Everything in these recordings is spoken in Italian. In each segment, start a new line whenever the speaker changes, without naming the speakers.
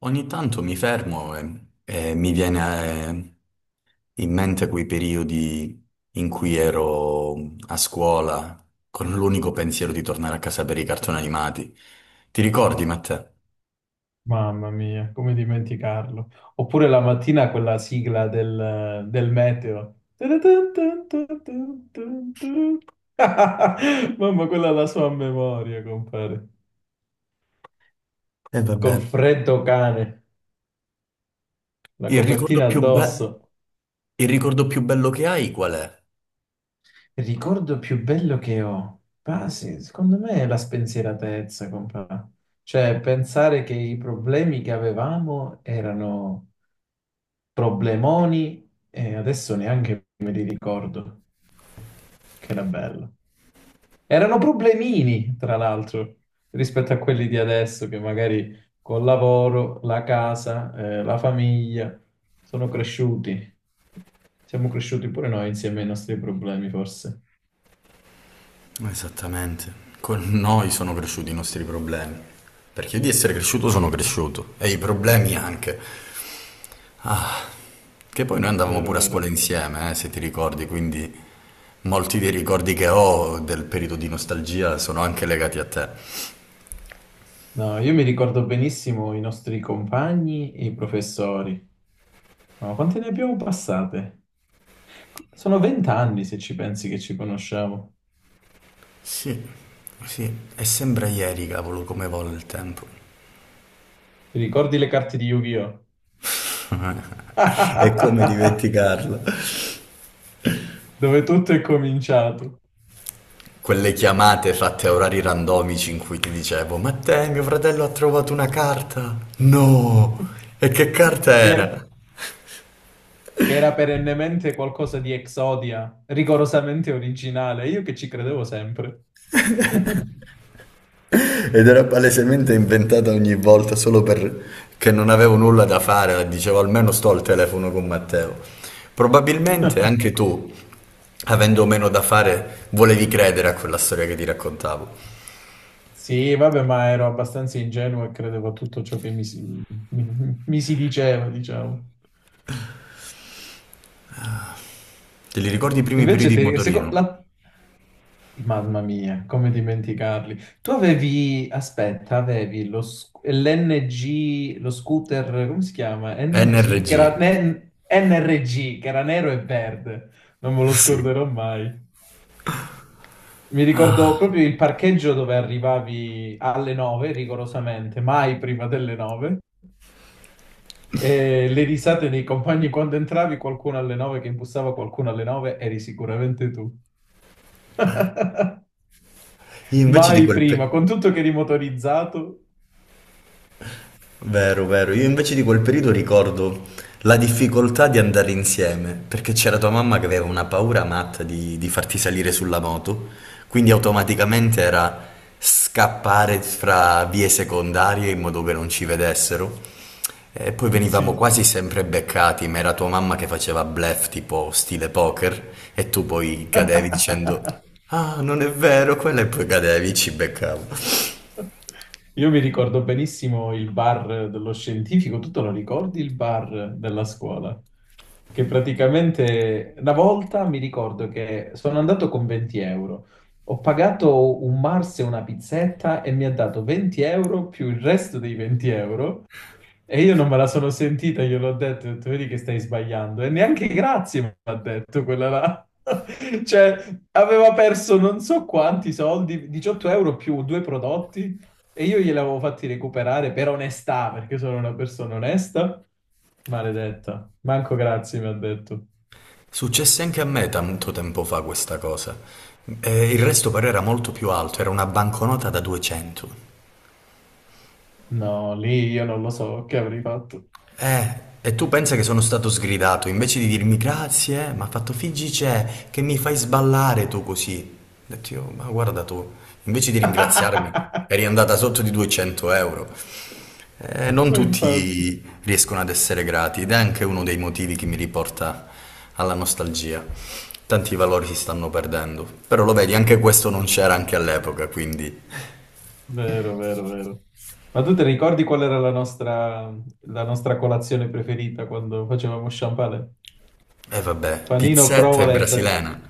Ogni tanto mi fermo e mi viene in mente quei periodi in cui ero a scuola con l'unico pensiero di tornare a casa per i cartoni animati. Ti ricordi, Matteo?
Mamma mia, come dimenticarlo. Oppure la mattina quella sigla del meteo. Mamma, quella è la sua memoria, compare.
E vabbè.
Col freddo cane, la
Il ricordo
copertina
più be-
addosso.
il ricordo più bello che hai qual è?
Il ricordo più bello che ho. Ah, sì, secondo me è la spensieratezza, compare. Cioè, pensare che i problemi che avevamo erano problemoni e adesso neanche me li ricordo. Che era bello. Erano problemini, tra l'altro, rispetto a quelli di adesso che magari col lavoro, la casa, la famiglia sono cresciuti. Siamo cresciuti pure noi insieme ai nostri problemi, forse.
Esattamente. Con noi sono cresciuti i nostri problemi. Perché io di essere cresciuto sono cresciuto e i problemi anche. Che poi noi andavamo
Vero,
pure a scuola
vero.
insieme, se ti ricordi, quindi molti dei ricordi che ho del periodo di nostalgia sono anche legati a te.
No, io mi ricordo benissimo i nostri compagni e i professori. Ma quante ne abbiamo passate? Sono 20 anni se ci pensi che ci conosciamo.
Sì, sì, e sembra ieri, cavolo, come vola il tempo.
Ti ricordi le carte di Yu-Gi-Oh?
E come dimenticarlo?
Dove tutto è cominciato.
Quelle chiamate fatte a orari randomici in cui ti dicevo, ma te, mio fratello ha trovato una carta. No! E che carta
che era,
era?
che era perennemente qualcosa di Exodia, rigorosamente originale, io che ci credevo sempre.
Ed era palesemente inventata ogni volta solo perché non avevo nulla da fare, dicevo almeno sto al telefono con Matteo. Probabilmente anche tu, avendo meno da fare, volevi credere a quella storia che ti raccontavo.
Sì, vabbè, ma ero abbastanza ingenuo e credevo a tutto ciò che mi si diceva, diciamo.
Te li ricordi i primi
Invece,
periodi in
te, seco-
motorino?
la, Mamma mia, come dimenticarli. Tu avevi, aspetta, avevi l'NG, lo scooter, come si chiama? NG,
NRG.
NRG, che era nero e verde. Non me lo
Sì.
scorderò mai. Mi ricordo
Ah,
proprio il parcheggio dove arrivavi alle 9, rigorosamente, mai prima delle 9. E le risate dei compagni quando entravi, qualcuno alle 9 che imbussava qualcuno alle 9, eri sicuramente tu.
io invece di
Mai
quel
prima,
periodo...
con tutto che eri motorizzato.
Vero, vero. Io invece di quel periodo ricordo la difficoltà di andare insieme, perché c'era tua mamma che aveva una paura matta di farti salire sulla moto, quindi automaticamente era scappare fra vie secondarie in modo che non ci vedessero. E poi venivamo
Sì.
quasi sempre beccati, ma era tua mamma che faceva bluff tipo stile poker e tu poi cadevi dicendo ah, non è vero, quella e poi cadevi, ci beccavo.
Io mi ricordo benissimo il bar dello scientifico, tu te lo ricordi il bar della scuola? Che praticamente una volta mi ricordo che sono andato con 20 euro, ho pagato un Mars e una pizzetta e mi ha dato 20 euro più il resto dei 20 euro. E io non me la sono sentita, gliel'ho ho detto, vedi che stai sbagliando. E neanche grazie mi ha detto quella là. Cioè, aveva perso non so quanti soldi, 18 euro più due prodotti, e io gliel'avevo fatti recuperare per onestà, perché sono una persona onesta. Maledetta, manco grazie mi ha detto.
Successe anche a me tanto tempo fa questa cosa. E il resto però era molto più alto, era una banconota da 200.
No, lì io non lo so che avrei fatto.
Eh, e tu pensa che sono stato sgridato, invece di dirmi grazie, mi ha fatto figgi c'è, che mi fai sballare tu così. Ho detto io, ma guarda tu, invece di ringraziarmi,
Ma
eri andata sotto di 200 euro. Non
infatti.
tutti riescono ad essere grati ed è anche uno dei motivi che mi riporta alla nostalgia. Tanti valori si stanno perdendo, però lo vedi, anche questo non c'era anche all'epoca, quindi...
Vero, vero, vero. Ma tu ti ricordi qual era la nostra colazione preferita quando facevamo sciampale?
E vabbè,
Panino,
pizzetta e
provola e... bre-
brasilena,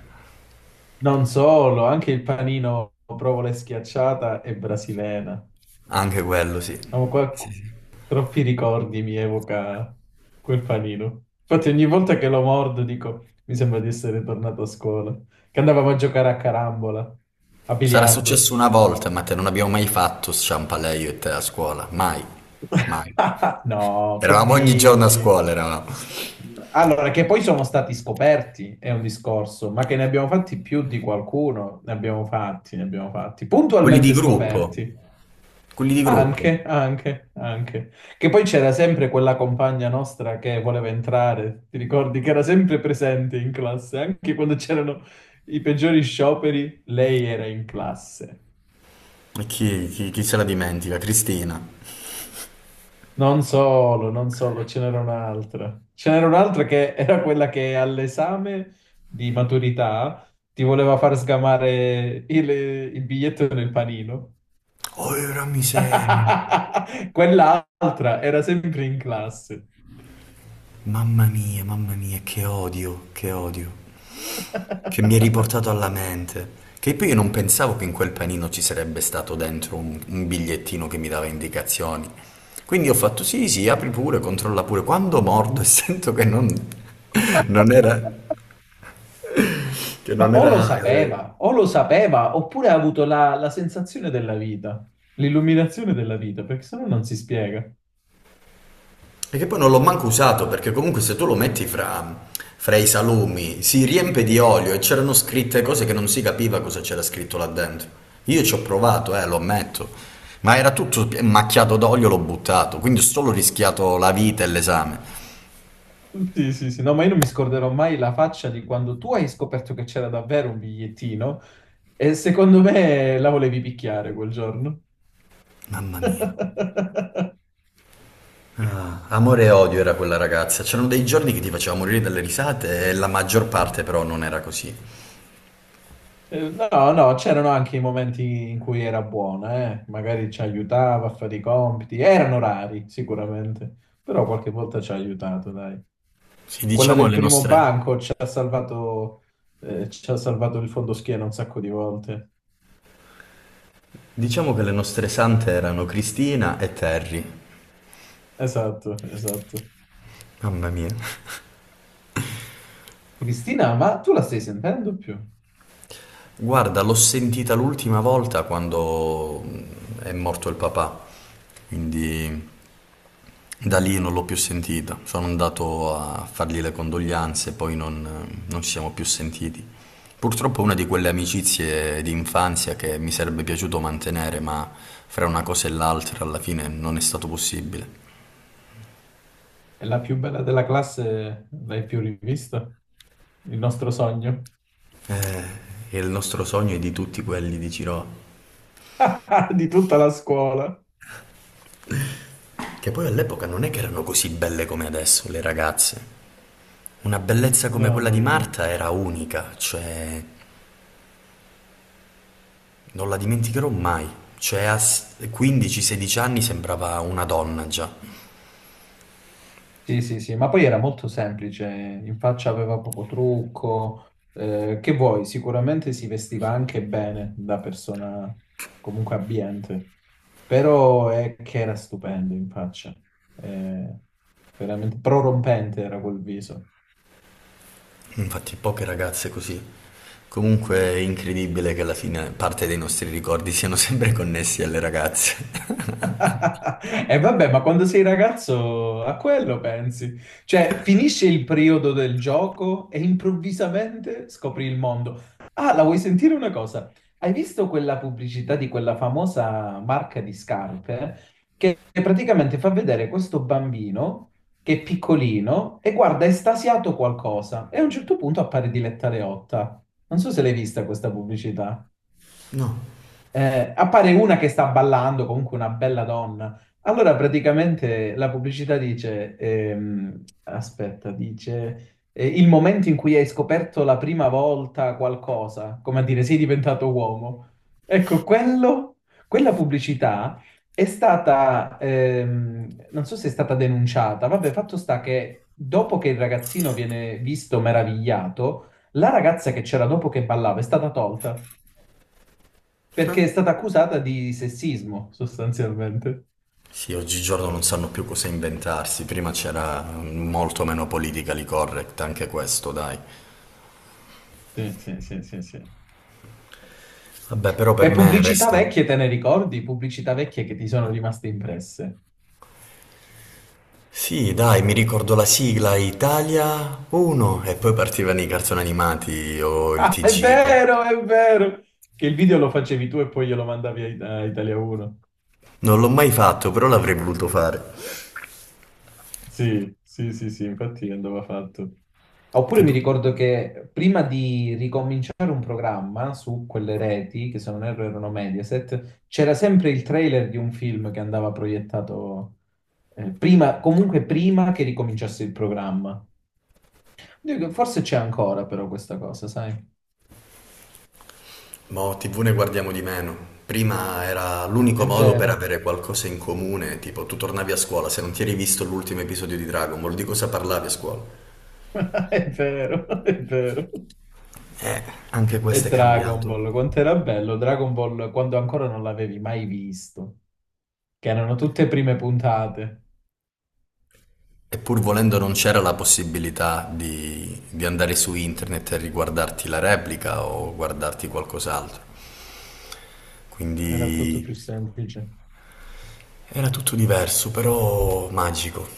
Non solo, anche il panino, provola e schiacciata e brasilena.
anche quello sì.
Ma
Sì,
qua
sì.
troppi ricordi mi evoca quel panino. Infatti ogni volta che lo mordo dico, mi sembra di essere tornato a scuola. Che andavamo a giocare a carambola, a
Sarà
biliardo.
successo una volta, ma te non abbiamo mai fatto sciampale io e te a scuola, mai, mai.
No, che
Eravamo ogni giorno a
dici?
scuola, eravamo.
Allora, che poi sono stati scoperti è un discorso, ma che ne abbiamo fatti più di qualcuno, ne abbiamo fatti,
Quelli di
puntualmente
gruppo,
scoperti.
quelli di gruppo.
Anche, anche, anche. Che poi c'era sempre quella compagna nostra che voleva entrare, ti ricordi che era sempre presente in classe, anche quando c'erano i peggiori scioperi, lei era in classe.
E chi, chi se la dimentica? Cristina.
Non solo, non solo, ce n'era un'altra. Ce n'era un'altra che era quella che all'esame di maturità ti voleva far sgamare il biglietto nel panino.
Oh, la miseria.
Quell'altra era sempre in classe.
Mamma mia, che odio, che odio. Che mi è riportato alla mente. Che poi io non pensavo che in quel panino ci sarebbe stato dentro un bigliettino che mi dava indicazioni. Quindi ho fatto sì, sì, apri pure, controlla pure. Quando mordo e sento che non, non era, che
Ma
non era.
o lo sapeva, oppure ha avuto la sensazione della vita, l'illuminazione della vita, perché sennò non si spiega.
E che poi non l'ho manco usato perché comunque se tu lo metti fra i salumi si riempie di olio e c'erano scritte cose che non si capiva cosa c'era scritto là dentro. Io ci ho provato, lo ammetto, ma era tutto macchiato d'olio, l'ho buttato, quindi ho solo rischiato la vita e l'esame.
Sì, sì, sì, no, ma io non mi scorderò mai la faccia di quando tu hai scoperto che c'era davvero un bigliettino e secondo me la volevi picchiare quel giorno.
Mamma mia. Ah, amore e odio era quella ragazza. C'erano dei giorni che ti faceva morire dalle risate e la maggior parte però non era così.
No, no, c'erano anche i momenti in cui era buona, eh. Magari ci aiutava a fare i compiti, erano rari sicuramente, però qualche volta ci ha aiutato, dai.
Sì,
Quella
diciamo
del
le
primo
nostre...
banco ci ha salvato il fondoschiena un sacco di volte.
Diciamo che le nostre sante erano Cristina e Terry.
Esatto, esatto.
Mamma mia.
Cristina, ma tu la stai sentendo più?
Guarda, l'ho sentita l'ultima volta quando è morto il papà, quindi da
Mm.
lì non l'ho più sentita. Sono andato a fargli le condoglianze, poi non ci siamo più sentiti. Purtroppo è una di quelle amicizie di infanzia che mi sarebbe piaciuto mantenere, ma fra una cosa e l'altra alla fine non è stato possibile.
È la più bella della classe, l'hai più rivista? Il nostro sogno?
Eh, e il nostro sogno è di tutti quelli di Ciroa,
Di tutta la scuola?
che poi all'epoca non è che erano così belle come adesso le ragazze. Una bellezza come
No,
quella di
no, no, no.
Marta era unica, cioè non la dimenticherò mai. Cioè a 15-16 anni sembrava una donna già.
Sì, sì, sì, ma poi era molto semplice, in faccia aveva poco trucco, che vuoi, sicuramente si vestiva anche bene da persona comunque abbiente, però è che era stupendo in faccia, Eh, veramente prorompente era quel viso.
Infatti poche ragazze così. Comunque è incredibile che alla fine parte dei nostri ricordi siano sempre connessi alle ragazze.
E vabbè, ma quando sei ragazzo a quello pensi. Cioè, finisce il periodo del gioco e improvvisamente scopri il mondo. Ah, la vuoi sentire una cosa? Hai visto quella pubblicità di quella famosa marca di scarpe che praticamente fa vedere questo bambino che è piccolino e guarda estasiato qualcosa e a un certo punto appare Diletta Leotta. Non so se l'hai vista questa pubblicità.
No.
Appare una che sta ballando, comunque una bella donna. Allora praticamente la pubblicità dice, aspetta, dice il momento in cui hai scoperto la prima volta qualcosa, come a dire sei diventato uomo. Ecco, quello, quella pubblicità è stata, non so se è stata denunciata, vabbè, fatto sta che dopo che il ragazzino viene visto meravigliato, la ragazza che c'era dopo che ballava è stata tolta perché è stata accusata di sessismo, sostanzialmente.
Sì, oggigiorno non sanno più cosa inventarsi, prima c'era molto meno politically correct, anche questo, dai.
Sì, sì, sì, sì, sì.
Vabbè, però
E
per me
pubblicità
resta.
vecchie te ne ricordi? Pubblicità vecchie che ti sono rimaste impresse.
Sì, dai, mi ricordo la sigla Italia 1 e poi partivano i cartoni animati o il
Ah, è
TG.
vero, è vero. Che il video lo facevi tu e poi glielo mandavi a Italia 1.
Non l'ho mai fatto, però l'avrei voluto fare.
Sì, sì, sì, sì, infatti andava fatto. Oppure
Che
mi
poi...
ricordo che prima di ricominciare un programma su quelle reti, che se non erro erano Mediaset, c'era sempre il trailer di un film che andava proiettato prima, comunque prima che ricominciasse il programma. Dico, forse c'è ancora però questa cosa, sai?
Boh, TV ne guardiamo di meno. Prima era l'unico
È
modo per
vero,
avere qualcosa in comune, tipo tu tornavi a scuola se non ti eri visto l'ultimo episodio di Dragon Ball, di cosa parlavi a scuola?
è vero, è vero.
Eh, Anche
E
questo è
Dragon
cambiato.
Ball, quanto era bello Dragon Ball quando ancora non l'avevi mai visto, che erano tutte prime puntate,
E pur volendo non c'era la possibilità di andare su internet e riguardarti la replica o guardarti qualcos'altro.
era tutto più
Quindi
semplice.
era tutto diverso, però magico.